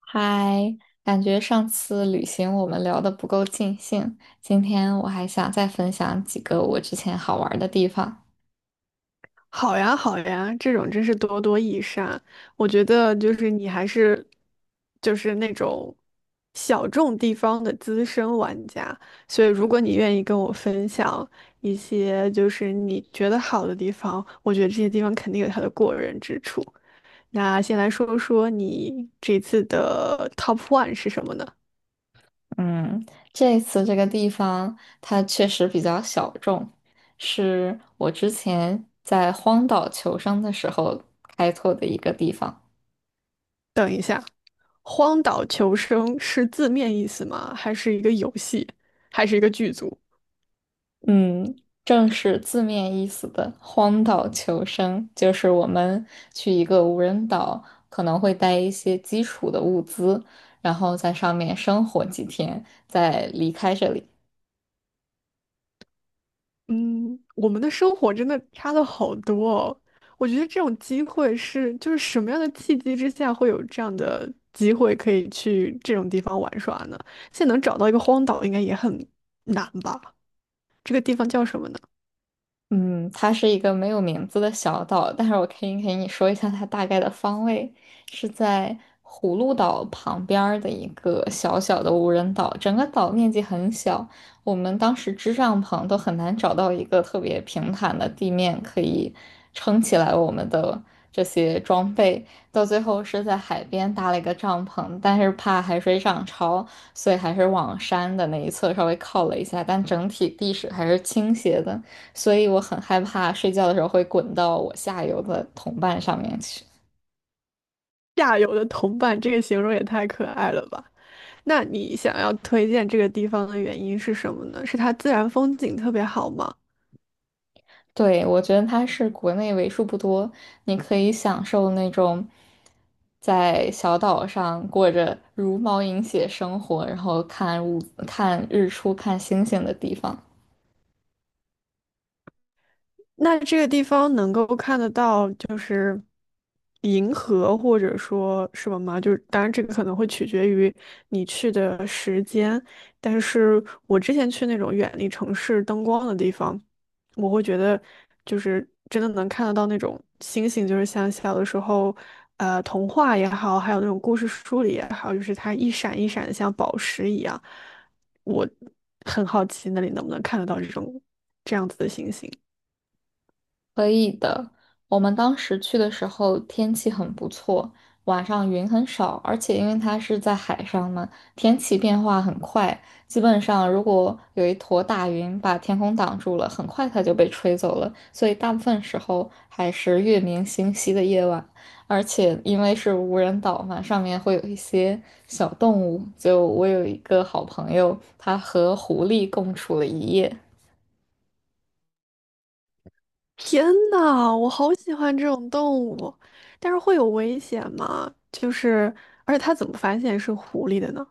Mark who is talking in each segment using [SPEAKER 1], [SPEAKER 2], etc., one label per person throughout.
[SPEAKER 1] 嗨，感觉上次旅行我们聊得不够尽兴，今天我还想再分享几个我之前好玩儿的地方。
[SPEAKER 2] 好呀，好呀，这种真是多多益善。我觉得就是你还是就是那种小众地方的资深玩家，所以如果你愿意跟我分享一些就是你觉得好的地方，我觉得这些地方肯定有它的过人之处。那先来说说你这次的 Top One 是什么呢？
[SPEAKER 1] 嗯，这次这个地方它确实比较小众，是我之前在荒岛求生的时候开拓的一个地方。
[SPEAKER 2] 等一下，《荒岛求生》是字面意思吗？还是一个游戏？还是一个剧组？
[SPEAKER 1] 嗯，正是字面意思的荒岛求生，就是我们去一个无人岛，可能会带一些基础的物资，然后在上面生活几天，再离开这里。
[SPEAKER 2] 嗯，我们的生活真的差了好多哦。我觉得这种机会是，就是什么样的契机之下会有这样的机会可以去这种地方玩耍呢？现在能找到一个荒岛，应该也很难吧？这个地方叫什么呢？
[SPEAKER 1] 嗯，它是一个没有名字的小岛，但是我可以给你说一下它大概的方位，是在葫芦岛旁边儿的一个小小的无人岛，整个岛面积很小，我们当时支帐篷都很难找到一个特别平坦的地面可以撑起来我们的这些装备，到最后是在海边搭了一个帐篷，但是怕海水涨潮，所以还是往山的那一侧稍微靠了一下，但整体地势还是倾斜的。所以我很害怕睡觉的时候会滚到我下游的同伴上面去。
[SPEAKER 2] 下游的同伴，这个形容也太可爱了吧？那你想要推荐这个地方的原因是什么呢？是它自然风景特别好吗？
[SPEAKER 1] 对，我觉得它是国内为数不多，你可以享受那种在小岛上过着茹毛饮血生活，然后看日出、看星星的地方。
[SPEAKER 2] 那这个地方能够看得到，就是银河或者说什么吗？就是当然这个可能会取决于你去的时间，但是我之前去那种远离城市灯光的地方，我会觉得就是真的能看得到那种星星，就是像小的时候，童话也好，还有那种故事书里也好，就是它一闪一闪的像宝石一样。我很好奇那里能不能看得到这种这样子的星星。
[SPEAKER 1] 可以的，我们当时去的时候天气很不错，晚上云很少，而且因为它是在海上嘛，天气变化很快。基本上，如果有一坨大云把天空挡住了，很快它就被吹走了。所以大部分时候还是月明星稀的夜晚，而且因为是无人岛嘛，上面会有一些小动物。就我有一个好朋友，他和狐狸共处了一夜。
[SPEAKER 2] 天呐，我好喜欢这种动物，但是会有危险吗？就是，而且他怎么发现是狐狸的呢？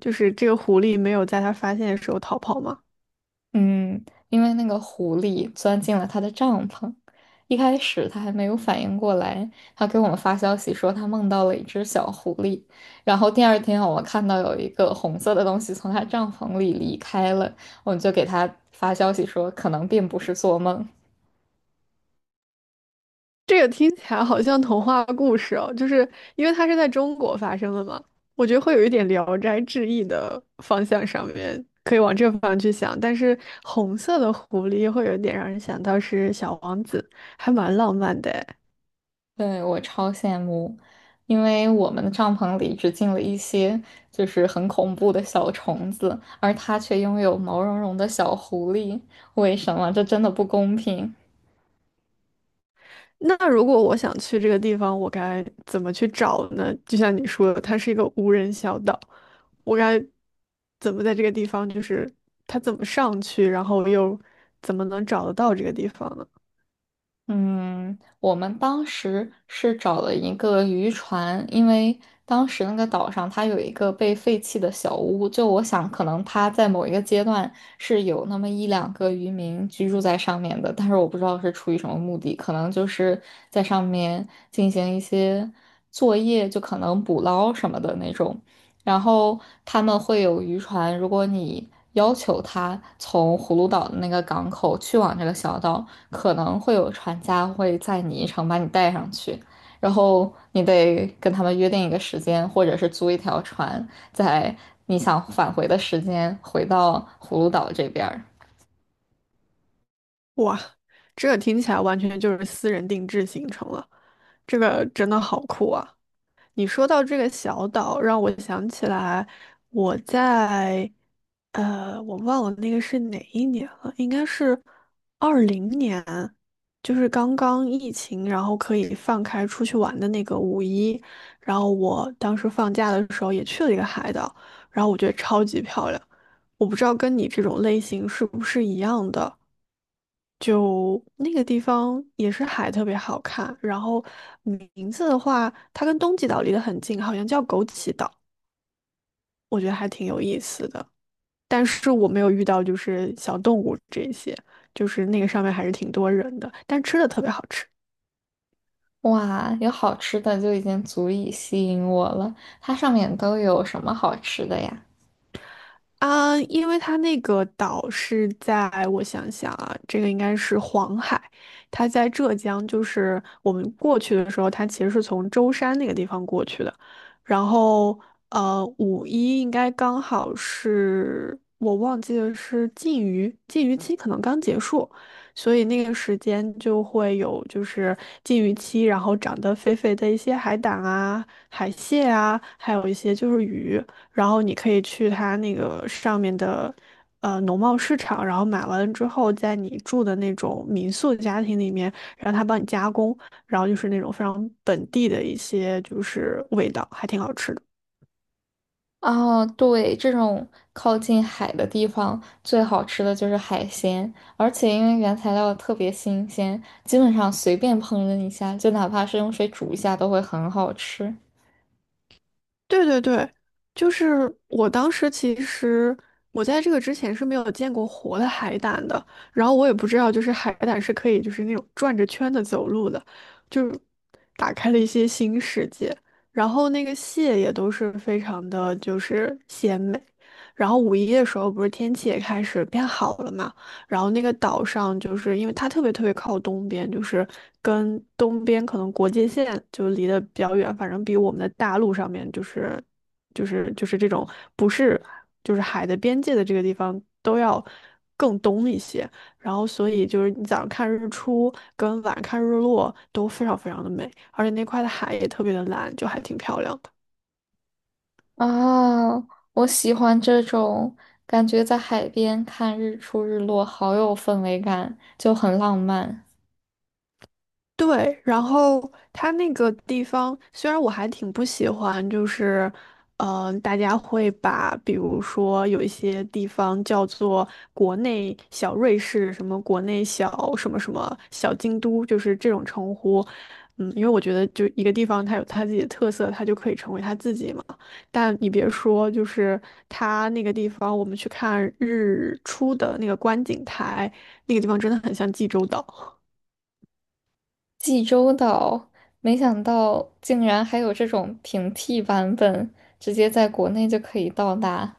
[SPEAKER 2] 就是这个狐狸没有在他发现的时候逃跑吗？
[SPEAKER 1] 嗯，因为那个狐狸钻进了他的帐篷，一开始他还没有反应过来，他给我们发消息说他梦到了一只小狐狸，然后第二天我们看到有一个红色的东西从他帐篷里离开了，我们就给他发消息说可能并不是做梦。
[SPEAKER 2] 这个听起来好像童话故事哦，就是因为它是在中国发生的嘛，我觉得会有一点《聊斋志异》的方向上面，可以往这方向去想。但是红色的狐狸会有点让人想到是小王子，还蛮浪漫的诶。
[SPEAKER 1] 对，我超羡慕，因为我们的帐篷里只进了一些就是很恐怖的小虫子，而他却拥有毛茸茸的小狐狸，为什么？这真的不公平。
[SPEAKER 2] 那如果我想去这个地方，我该怎么去找呢？就像你说的，它是一个无人小岛，我该怎么在这个地方，就是它怎么上去，然后又怎么能找得到这个地方呢？
[SPEAKER 1] 嗯，我们当时是找了一个渔船，因为当时那个岛上它有一个被废弃的小屋，就我想可能它在某一个阶段是有那么一两个渔民居住在上面的，但是我不知道是出于什么目的，可能就是在上面进行一些作业，就可能捕捞什么的那种。然后他们会有渔船，如果你要求他从葫芦岛的那个港口去往这个小岛，可能会有船家会载你一程把你带上去，然后你得跟他们约定一个时间，或者是租一条船，在你想返回的时间回到葫芦岛这边儿。
[SPEAKER 2] 哇，这个听起来完全就是私人定制行程了，这个真的好酷啊！你说到这个小岛，让我想起来我在我忘了那个是哪一年了，应该是2020年，就是刚刚疫情，然后可以放开出去玩的那个五一，然后我当时放假的时候也去了一个海岛，然后我觉得超级漂亮。我不知道跟你这种类型是不是一样的，就那个地方也是海特别好看，然后名字的话，它跟东极岛离得很近，好像叫枸杞岛，我觉得还挺有意思的。但是我没有遇到就是小动物这些，就是那个上面还是挺多人的，但吃的特别好吃。
[SPEAKER 1] 哇，有好吃的就已经足以吸引我了。它上面都有什么好吃的呀？
[SPEAKER 2] 啊，因为它那个岛是在，我想想啊，这个应该是黄海，它在浙江，就是我们过去的时候，它其实是从舟山那个地方过去的，然后五一应该刚好是我忘记了是禁渔，禁渔期可能刚结束，所以那个时间就会有就是禁渔期，然后长得肥肥的一些海胆啊、海蟹啊，还有一些就是鱼。然后你可以去它那个上面的农贸市场，然后买完了之后，在你住的那种民宿家庭里面，让他帮你加工，然后就是那种非常本地的一些就是味道，还挺好吃的。
[SPEAKER 1] 哦，对，这种靠近海的地方，最好吃的就是海鲜，而且因为原材料特别新鲜，基本上随便烹饪一下，就哪怕是用水煮一下，都会很好吃。
[SPEAKER 2] 对对对，就是我当时其实我在这个之前是没有见过活的海胆的，然后我也不知道就是海胆是可以就是那种转着圈的走路的，就是打开了一些新世界。然后那个蟹也都是非常的就是鲜美，然后五一的时候不是天气也开始变好了嘛，然后那个岛上就是因为它特别特别靠东边，就是跟东边可能国界线就离得比较远，反正比我们的大陆上面就是这种不是就是海的边界的这个地方都要更东一些。然后所以就是你早上看日出跟晚上看日落都非常非常的美，而且那块的海也特别的蓝，就还挺漂亮的。
[SPEAKER 1] 啊，我喜欢这种感觉，在海边看日出日落，好有氛围感，就很浪漫。
[SPEAKER 2] 对，然后它那个地方虽然我还挺不喜欢，就是，大家会把比如说有一些地方叫做国内小瑞士，什么国内小什么什么小京都，就是这种称呼，因为我觉得就一个地方它有它自己的特色，它就可以成为它自己嘛。但你别说，就是它那个地方，我们去看日出的那个观景台，那个地方真的很像济州岛。
[SPEAKER 1] 济州岛，没想到竟然还有这种平替版本，直接在国内就可以到达。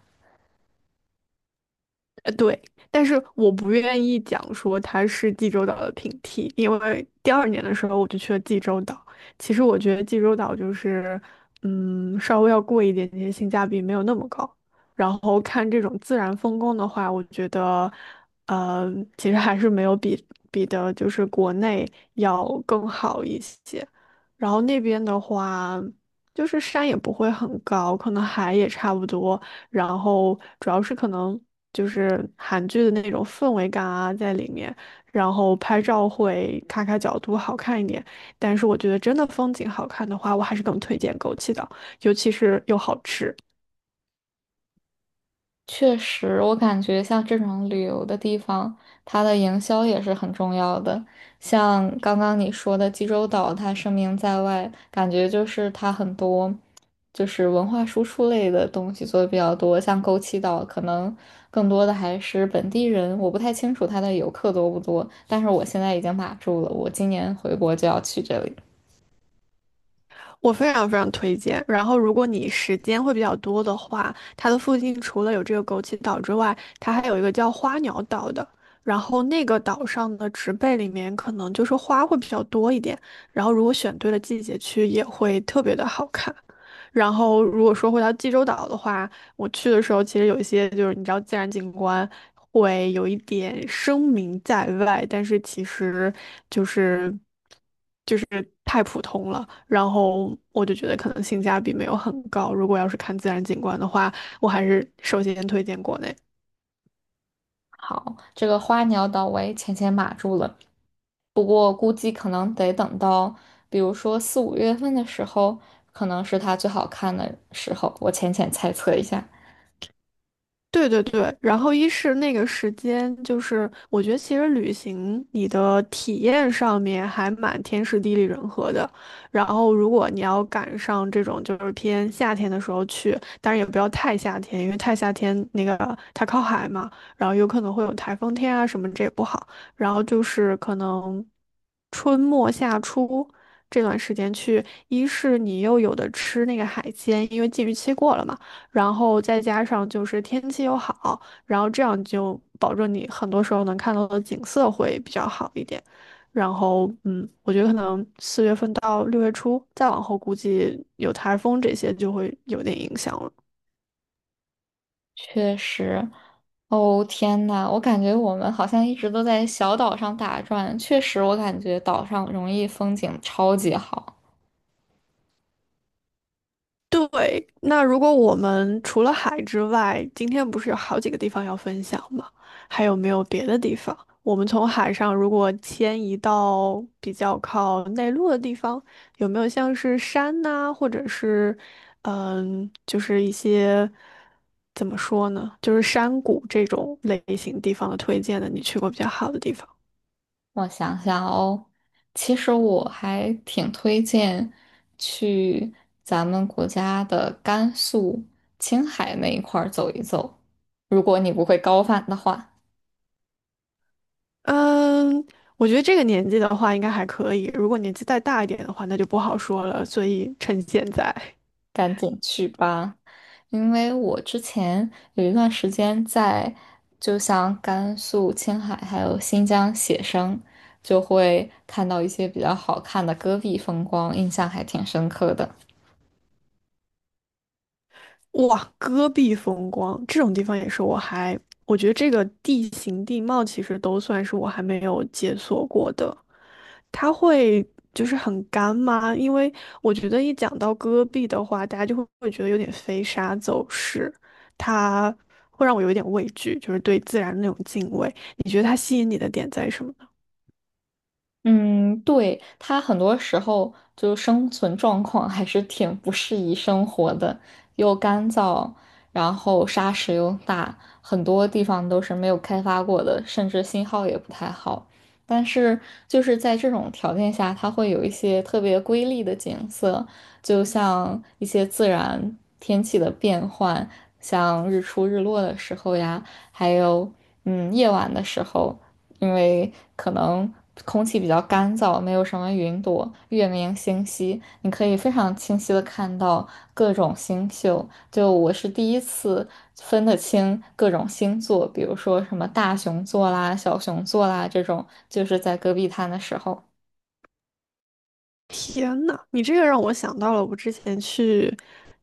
[SPEAKER 2] 对，但是我不愿意讲说它是济州岛的平替，因为第二年的时候我就去了济州岛。其实我觉得济州岛就是，稍微要贵一点点，性价比没有那么高。然后看这种自然风光的话，我觉得，呃，其实还是没有比的，就是国内要更好一些。然后那边的话，就是山也不会很高，可能海也差不多。然后主要是可能就是韩剧的那种氛围感啊在里面，然后拍照会咔咔角度好看一点。但是我觉得真的风景好看的话，我还是更推荐枸杞的，尤其是又好吃。
[SPEAKER 1] 确实，我感觉像这种旅游的地方，它的营销也是很重要的。像刚刚你说的济州岛，它声名在外，感觉就是它很多就是文化输出类的东西做的比较多。像枸杞岛，可能更多的还是本地人，我不太清楚它的游客多不多，但是我现在已经码住了，我今年回国就要去这里。
[SPEAKER 2] 我非常非常推荐。然后，如果你时间会比较多的话，它的附近除了有这个枸杞岛之外，它还有一个叫花鸟岛的。然后那个岛上的植被里面可能就是花会比较多一点，然后如果选对了季节去，也会特别的好看。然后如果说回到济州岛的话，我去的时候其实有一些就是你知道自然景观会有一点声名在外，但是其实就是。太普通了，然后我就觉得可能性价比没有很高。如果要是看自然景观的话，我还是首先推荐国内。
[SPEAKER 1] 好，这个花鸟岛我也浅浅码住了。不过估计可能得等到，比如说四五月份的时候，可能是它最好看的时候。我浅浅猜测一下，
[SPEAKER 2] 对对对，然后一是那个时间，就是我觉得其实旅行你的体验上面还蛮天时地利人和的。然后如果你要赶上这种就是偏夏天的时候去，当然也不要太夏天，因为太夏天那个它靠海嘛，然后有可能会有台风天啊什么，这也不好。然后就是可能春末夏初这段时间去，一是你又有的吃那个海鲜，因为禁渔期过了嘛。然后再加上就是天气又好，然后这样就保证你很多时候能看到的景色会比较好一点。然后，我觉得可能4月份到6月初，再往后估计有台风这些就会有点影响了。
[SPEAKER 1] 确实。哦，天呐，我感觉我们好像一直都在小岛上打转。确实，我感觉岛上容易风景超级好。
[SPEAKER 2] 对，那如果我们除了海之外，今天不是有好几个地方要分享吗？还有没有别的地方？我们从海上如果迁移到比较靠内陆的地方，有没有像是山呐、或者是就是一些怎么说呢，就是山谷这种类型地方的推荐的？你去过比较好的地方？
[SPEAKER 1] 我想想哦，其实我还挺推荐去咱们国家的甘肃、青海那一块儿走一走，如果你不会高反的话。
[SPEAKER 2] 嗯，我觉得这个年纪的话应该还可以，如果年纪再大一点的话，那就不好说了，所以趁现在。
[SPEAKER 1] 赶紧去吧，因为我之前有一段时间在，就像甘肃、青海还有新疆写生，就会看到一些比较好看的戈壁风光，印象还挺深刻的。
[SPEAKER 2] 哇，戈壁风光这种地方也是我还，我觉得这个地形地貌其实都算是我还没有解锁过的。它会就是很干吗？因为我觉得一讲到戈壁的话，大家就会觉得有点飞沙走石，它会让我有一点畏惧，就是对自然的那种敬畏。你觉得它吸引你的点在什么？
[SPEAKER 1] 嗯，对，它很多时候就生存状况还是挺不适宜生活的，又干燥，然后沙石又大，很多地方都是没有开发过的，甚至信号也不太好。但是就是在这种条件下，它会有一些特别瑰丽的景色，就像一些自然天气的变换，像日出日落的时候呀，还有夜晚的时候。因为可能空气比较干燥，没有什么云朵，月明星稀，你可以非常清晰的看到各种星宿。就我是第一次分得清各种星座，比如说什么大熊座啦、小熊座啦这种，就是在戈壁滩的时候。
[SPEAKER 2] 天呐，你这个让我想到了我之前去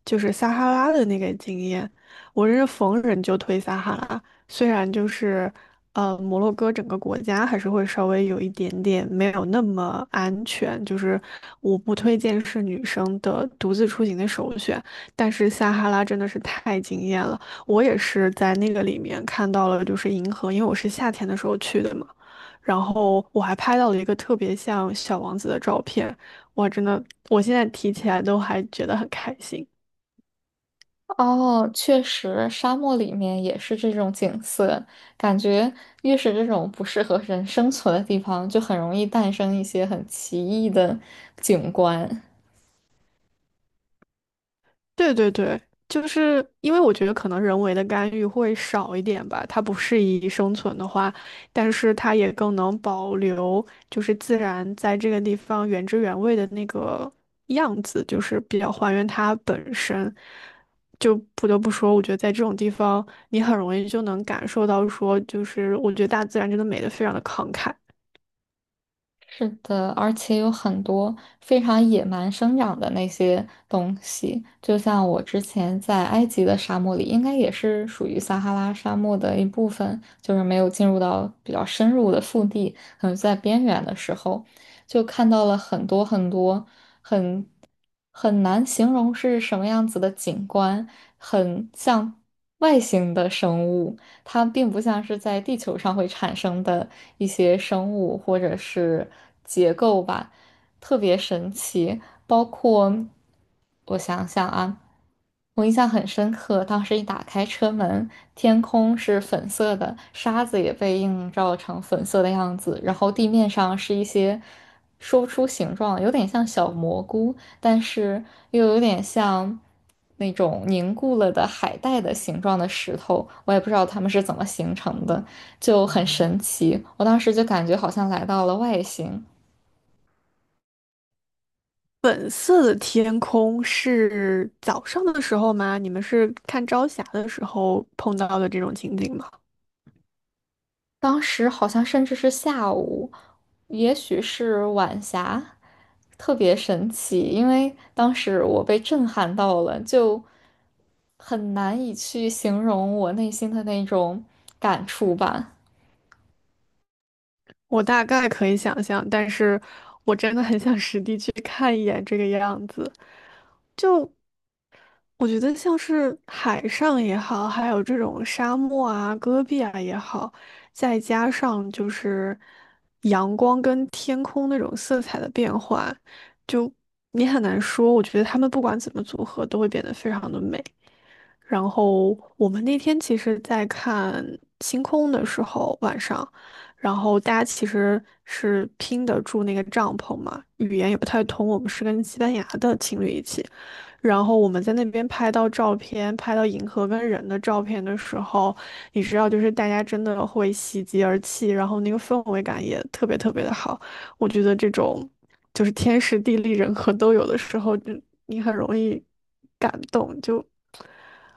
[SPEAKER 2] 就是撒哈拉的那个经验，我真是逢人就推撒哈拉，虽然就是摩洛哥整个国家还是会稍微有一点点没有那么安全，就是我不推荐是女生的独自出行的首选，但是撒哈拉真的是太惊艳了，我也是在那个里面看到了就是银河，因为我是夏天的时候去的嘛。然后我还拍到了一个特别像小王子的照片，哇，真的，我现在提起来都还觉得很开心。
[SPEAKER 1] 哦，确实，沙漠里面也是这种景色，感觉越是这种不适合人生存的地方，就很容易诞生一些很奇异的景观。
[SPEAKER 2] 对对对，就是因为我觉得可能人为的干预会少一点吧，它不适宜生存的话，但是它也更能保留就是自然在这个地方原汁原味的那个样子，就是比较还原它本身。就不得不说，我觉得在这种地方，你很容易就能感受到说，就是我觉得大自然真的美的非常的慷慨。
[SPEAKER 1] 是的，而且有很多非常野蛮生长的那些东西，就像我之前在埃及的沙漠里，应该也是属于撒哈拉沙漠的一部分，就是没有进入到比较深入的腹地，可能在边缘的时候，就看到了很多很多。很难形容是什么样子的景观，很像外星的生物，它并不像是在地球上会产生的一些生物或者是结构吧，特别神奇。包括我想想啊，我印象很深刻，当时一打开车门，天空是粉色的，沙子也被映照成粉色的样子，然后地面上是一些说不出形状，有点像小蘑菇。但是又有点像那种凝固了的海带的形状的石头，我也不知道它们是怎么形成的，就很神奇。我当时就感觉好像来到了外星，
[SPEAKER 2] 粉色的天空是早上的时候吗？你们是看朝霞的时候碰到的这种情景吗？
[SPEAKER 1] 当时好像甚至是下午，也许是晚霞，特别神奇，因为当时我被震撼到了，就很难以去形容我内心的那种感触吧。
[SPEAKER 2] 我大概可以想象，但是我真的很想实地去看一眼这个样子。就我觉得像是海上也好，还有这种沙漠啊、戈壁啊也好，再加上就是阳光跟天空那种色彩的变化，就你很难说。我觉得他们不管怎么组合，都会变得非常的美。然后我们那天其实在看星空的时候，晚上，然后大家其实是拼得住那个帐篷嘛，语言也不太通。我们是跟西班牙的情侣一起，然后我们在那边拍到照片，拍到银河跟人的照片的时候，你知道，就是大家真的会喜极而泣，然后那个氛围感也特别特别的好。我觉得这种就是天时地利人和都有的时候，就你很容易感动，就。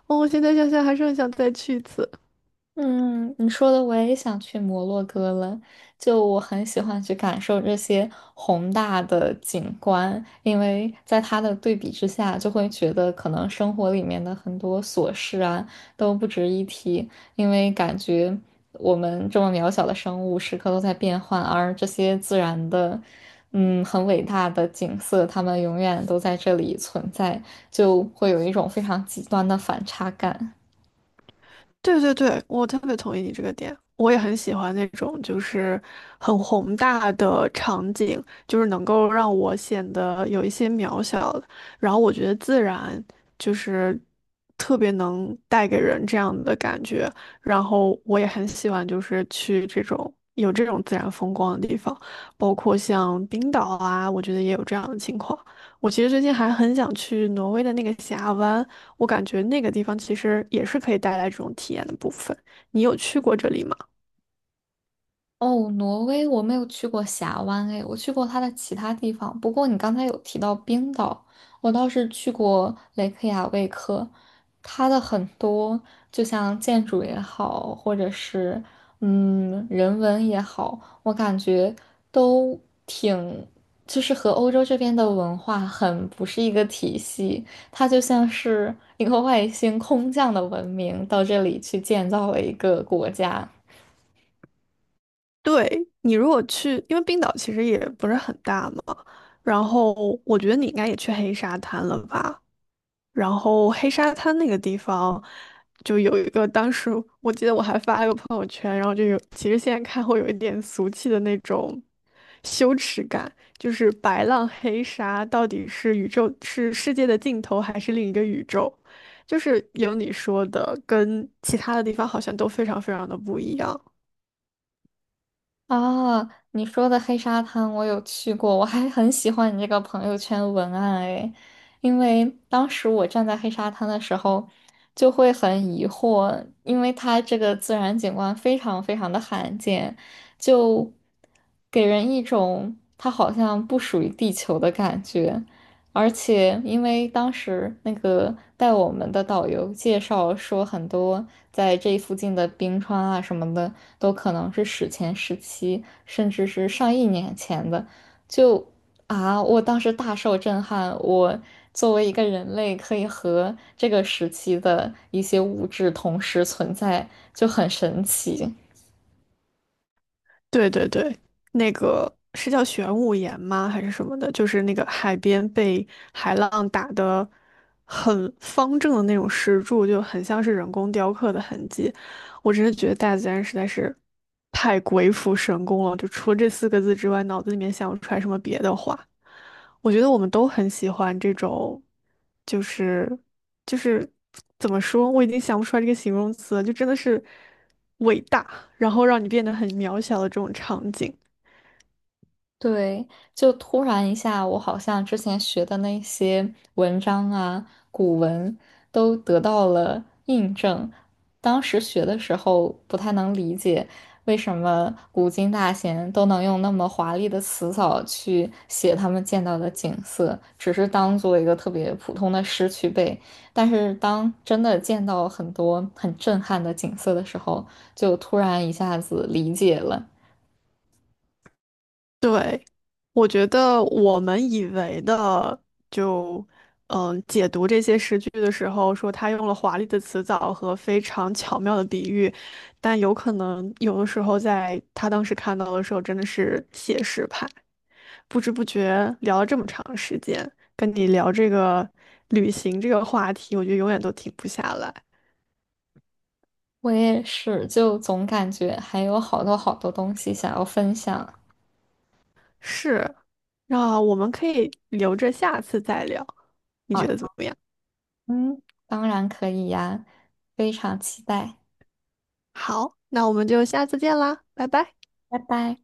[SPEAKER 2] 哦我现在想想还是很想再去一次。
[SPEAKER 1] 嗯，你说的我也想去摩洛哥了。就我很喜欢去感受这些宏大的景观，因为在它的对比之下，就会觉得可能生活里面的很多琐事啊都不值一提，因为感觉我们这么渺小的生物时刻都在变换，而这些自然的，很伟大的景色，它们永远都在这里存在，就会有一种非常极端的反差感。
[SPEAKER 2] 对对对，我特别同意你这个点，我也很喜欢那种就是很宏大的场景，就是能够让我显得有一些渺小了。然后我觉得自然就是特别能带给人这样的感觉。然后我也很喜欢就是去这种有这种自然风光的地方，包括像冰岛啊，我觉得也有这样的情况。我其实最近还很想去挪威的那个峡湾。我感觉那个地方其实也是可以带来这种体验的部分。你有去过这里吗？
[SPEAKER 1] 哦，挪威我没有去过峡湾诶，我去过它的其他地方。不过你刚才有提到冰岛，我倒是去过雷克雅未克，它的很多就像建筑也好，或者是人文也好，我感觉都挺就是和欧洲这边的文化很不是一个体系，它就像是一个外星空降的文明到这里去建造了一个国家。
[SPEAKER 2] 对，你如果去，因为冰岛其实也不是很大嘛，然后我觉得你应该也去黑沙滩了吧？然后黑沙滩那个地方，就有一个，当时我记得我还发了个朋友圈，然后就有，其实现在看会有一点俗气的那种羞耻感，就是白浪黑沙到底是宇宙，是世界的尽头，还是另一个宇宙？就是有你说的，跟其他的地方好像都非常非常的不一样。
[SPEAKER 1] 啊，你说的黑沙滩我有去过，我还很喜欢你这个朋友圈文案诶，因为当时我站在黑沙滩的时候，就会很疑惑，因为它这个自然景观非常非常的罕见，就给人一种它好像不属于地球的感觉。而且因为当时那个带我们的导游介绍说，很多在这附近的冰川啊什么的，都可能是史前时期，甚至是上亿年前的。就啊，我当时大受震撼。我作为一个人类，可以和这个时期的一些物质同时存在，就很神奇。
[SPEAKER 2] 对对对，那个是叫玄武岩吗？还是什么的？就是那个海边被海浪打的很方正的那种石柱，就很像是人工雕刻的痕迹。我真的觉得大自然实在是太鬼斧神工了，就除了这四个字之外，脑子里面想不出来什么别的话。我觉得我们都很喜欢这种，就是就是怎么说，我已经想不出来这个形容词了，就真的是伟大。然后让你变得很渺小的这种场景。
[SPEAKER 1] 对，就突然一下，我好像之前学的那些文章啊、古文都得到了印证。当时学的时候不太能理解，为什么古今大贤都能用那么华丽的词藻去写他们见到的景色，只是当做一个特别普通的诗去背。但是当真的见到很多很震撼的景色的时候，就突然一下子理解了。
[SPEAKER 2] 对，我觉得我们以为的就，嗯，解读这些诗句的时候，说他用了华丽的辞藻和非常巧妙的比喻，但有可能有的时候在他当时看到的时候，真的是写实派。不知不觉聊了这么长时间，跟你聊这个旅行这个话题，我觉得永远都停不下来。
[SPEAKER 1] 我也是，就总感觉还有好多好多东西想要分享
[SPEAKER 2] 是，那我们可以留着下次再聊。你觉得怎
[SPEAKER 1] 啊。
[SPEAKER 2] 么样？
[SPEAKER 1] 嗯，当然可以呀，非常期待，
[SPEAKER 2] 好，那我们就下次见啦，拜拜。
[SPEAKER 1] 拜拜。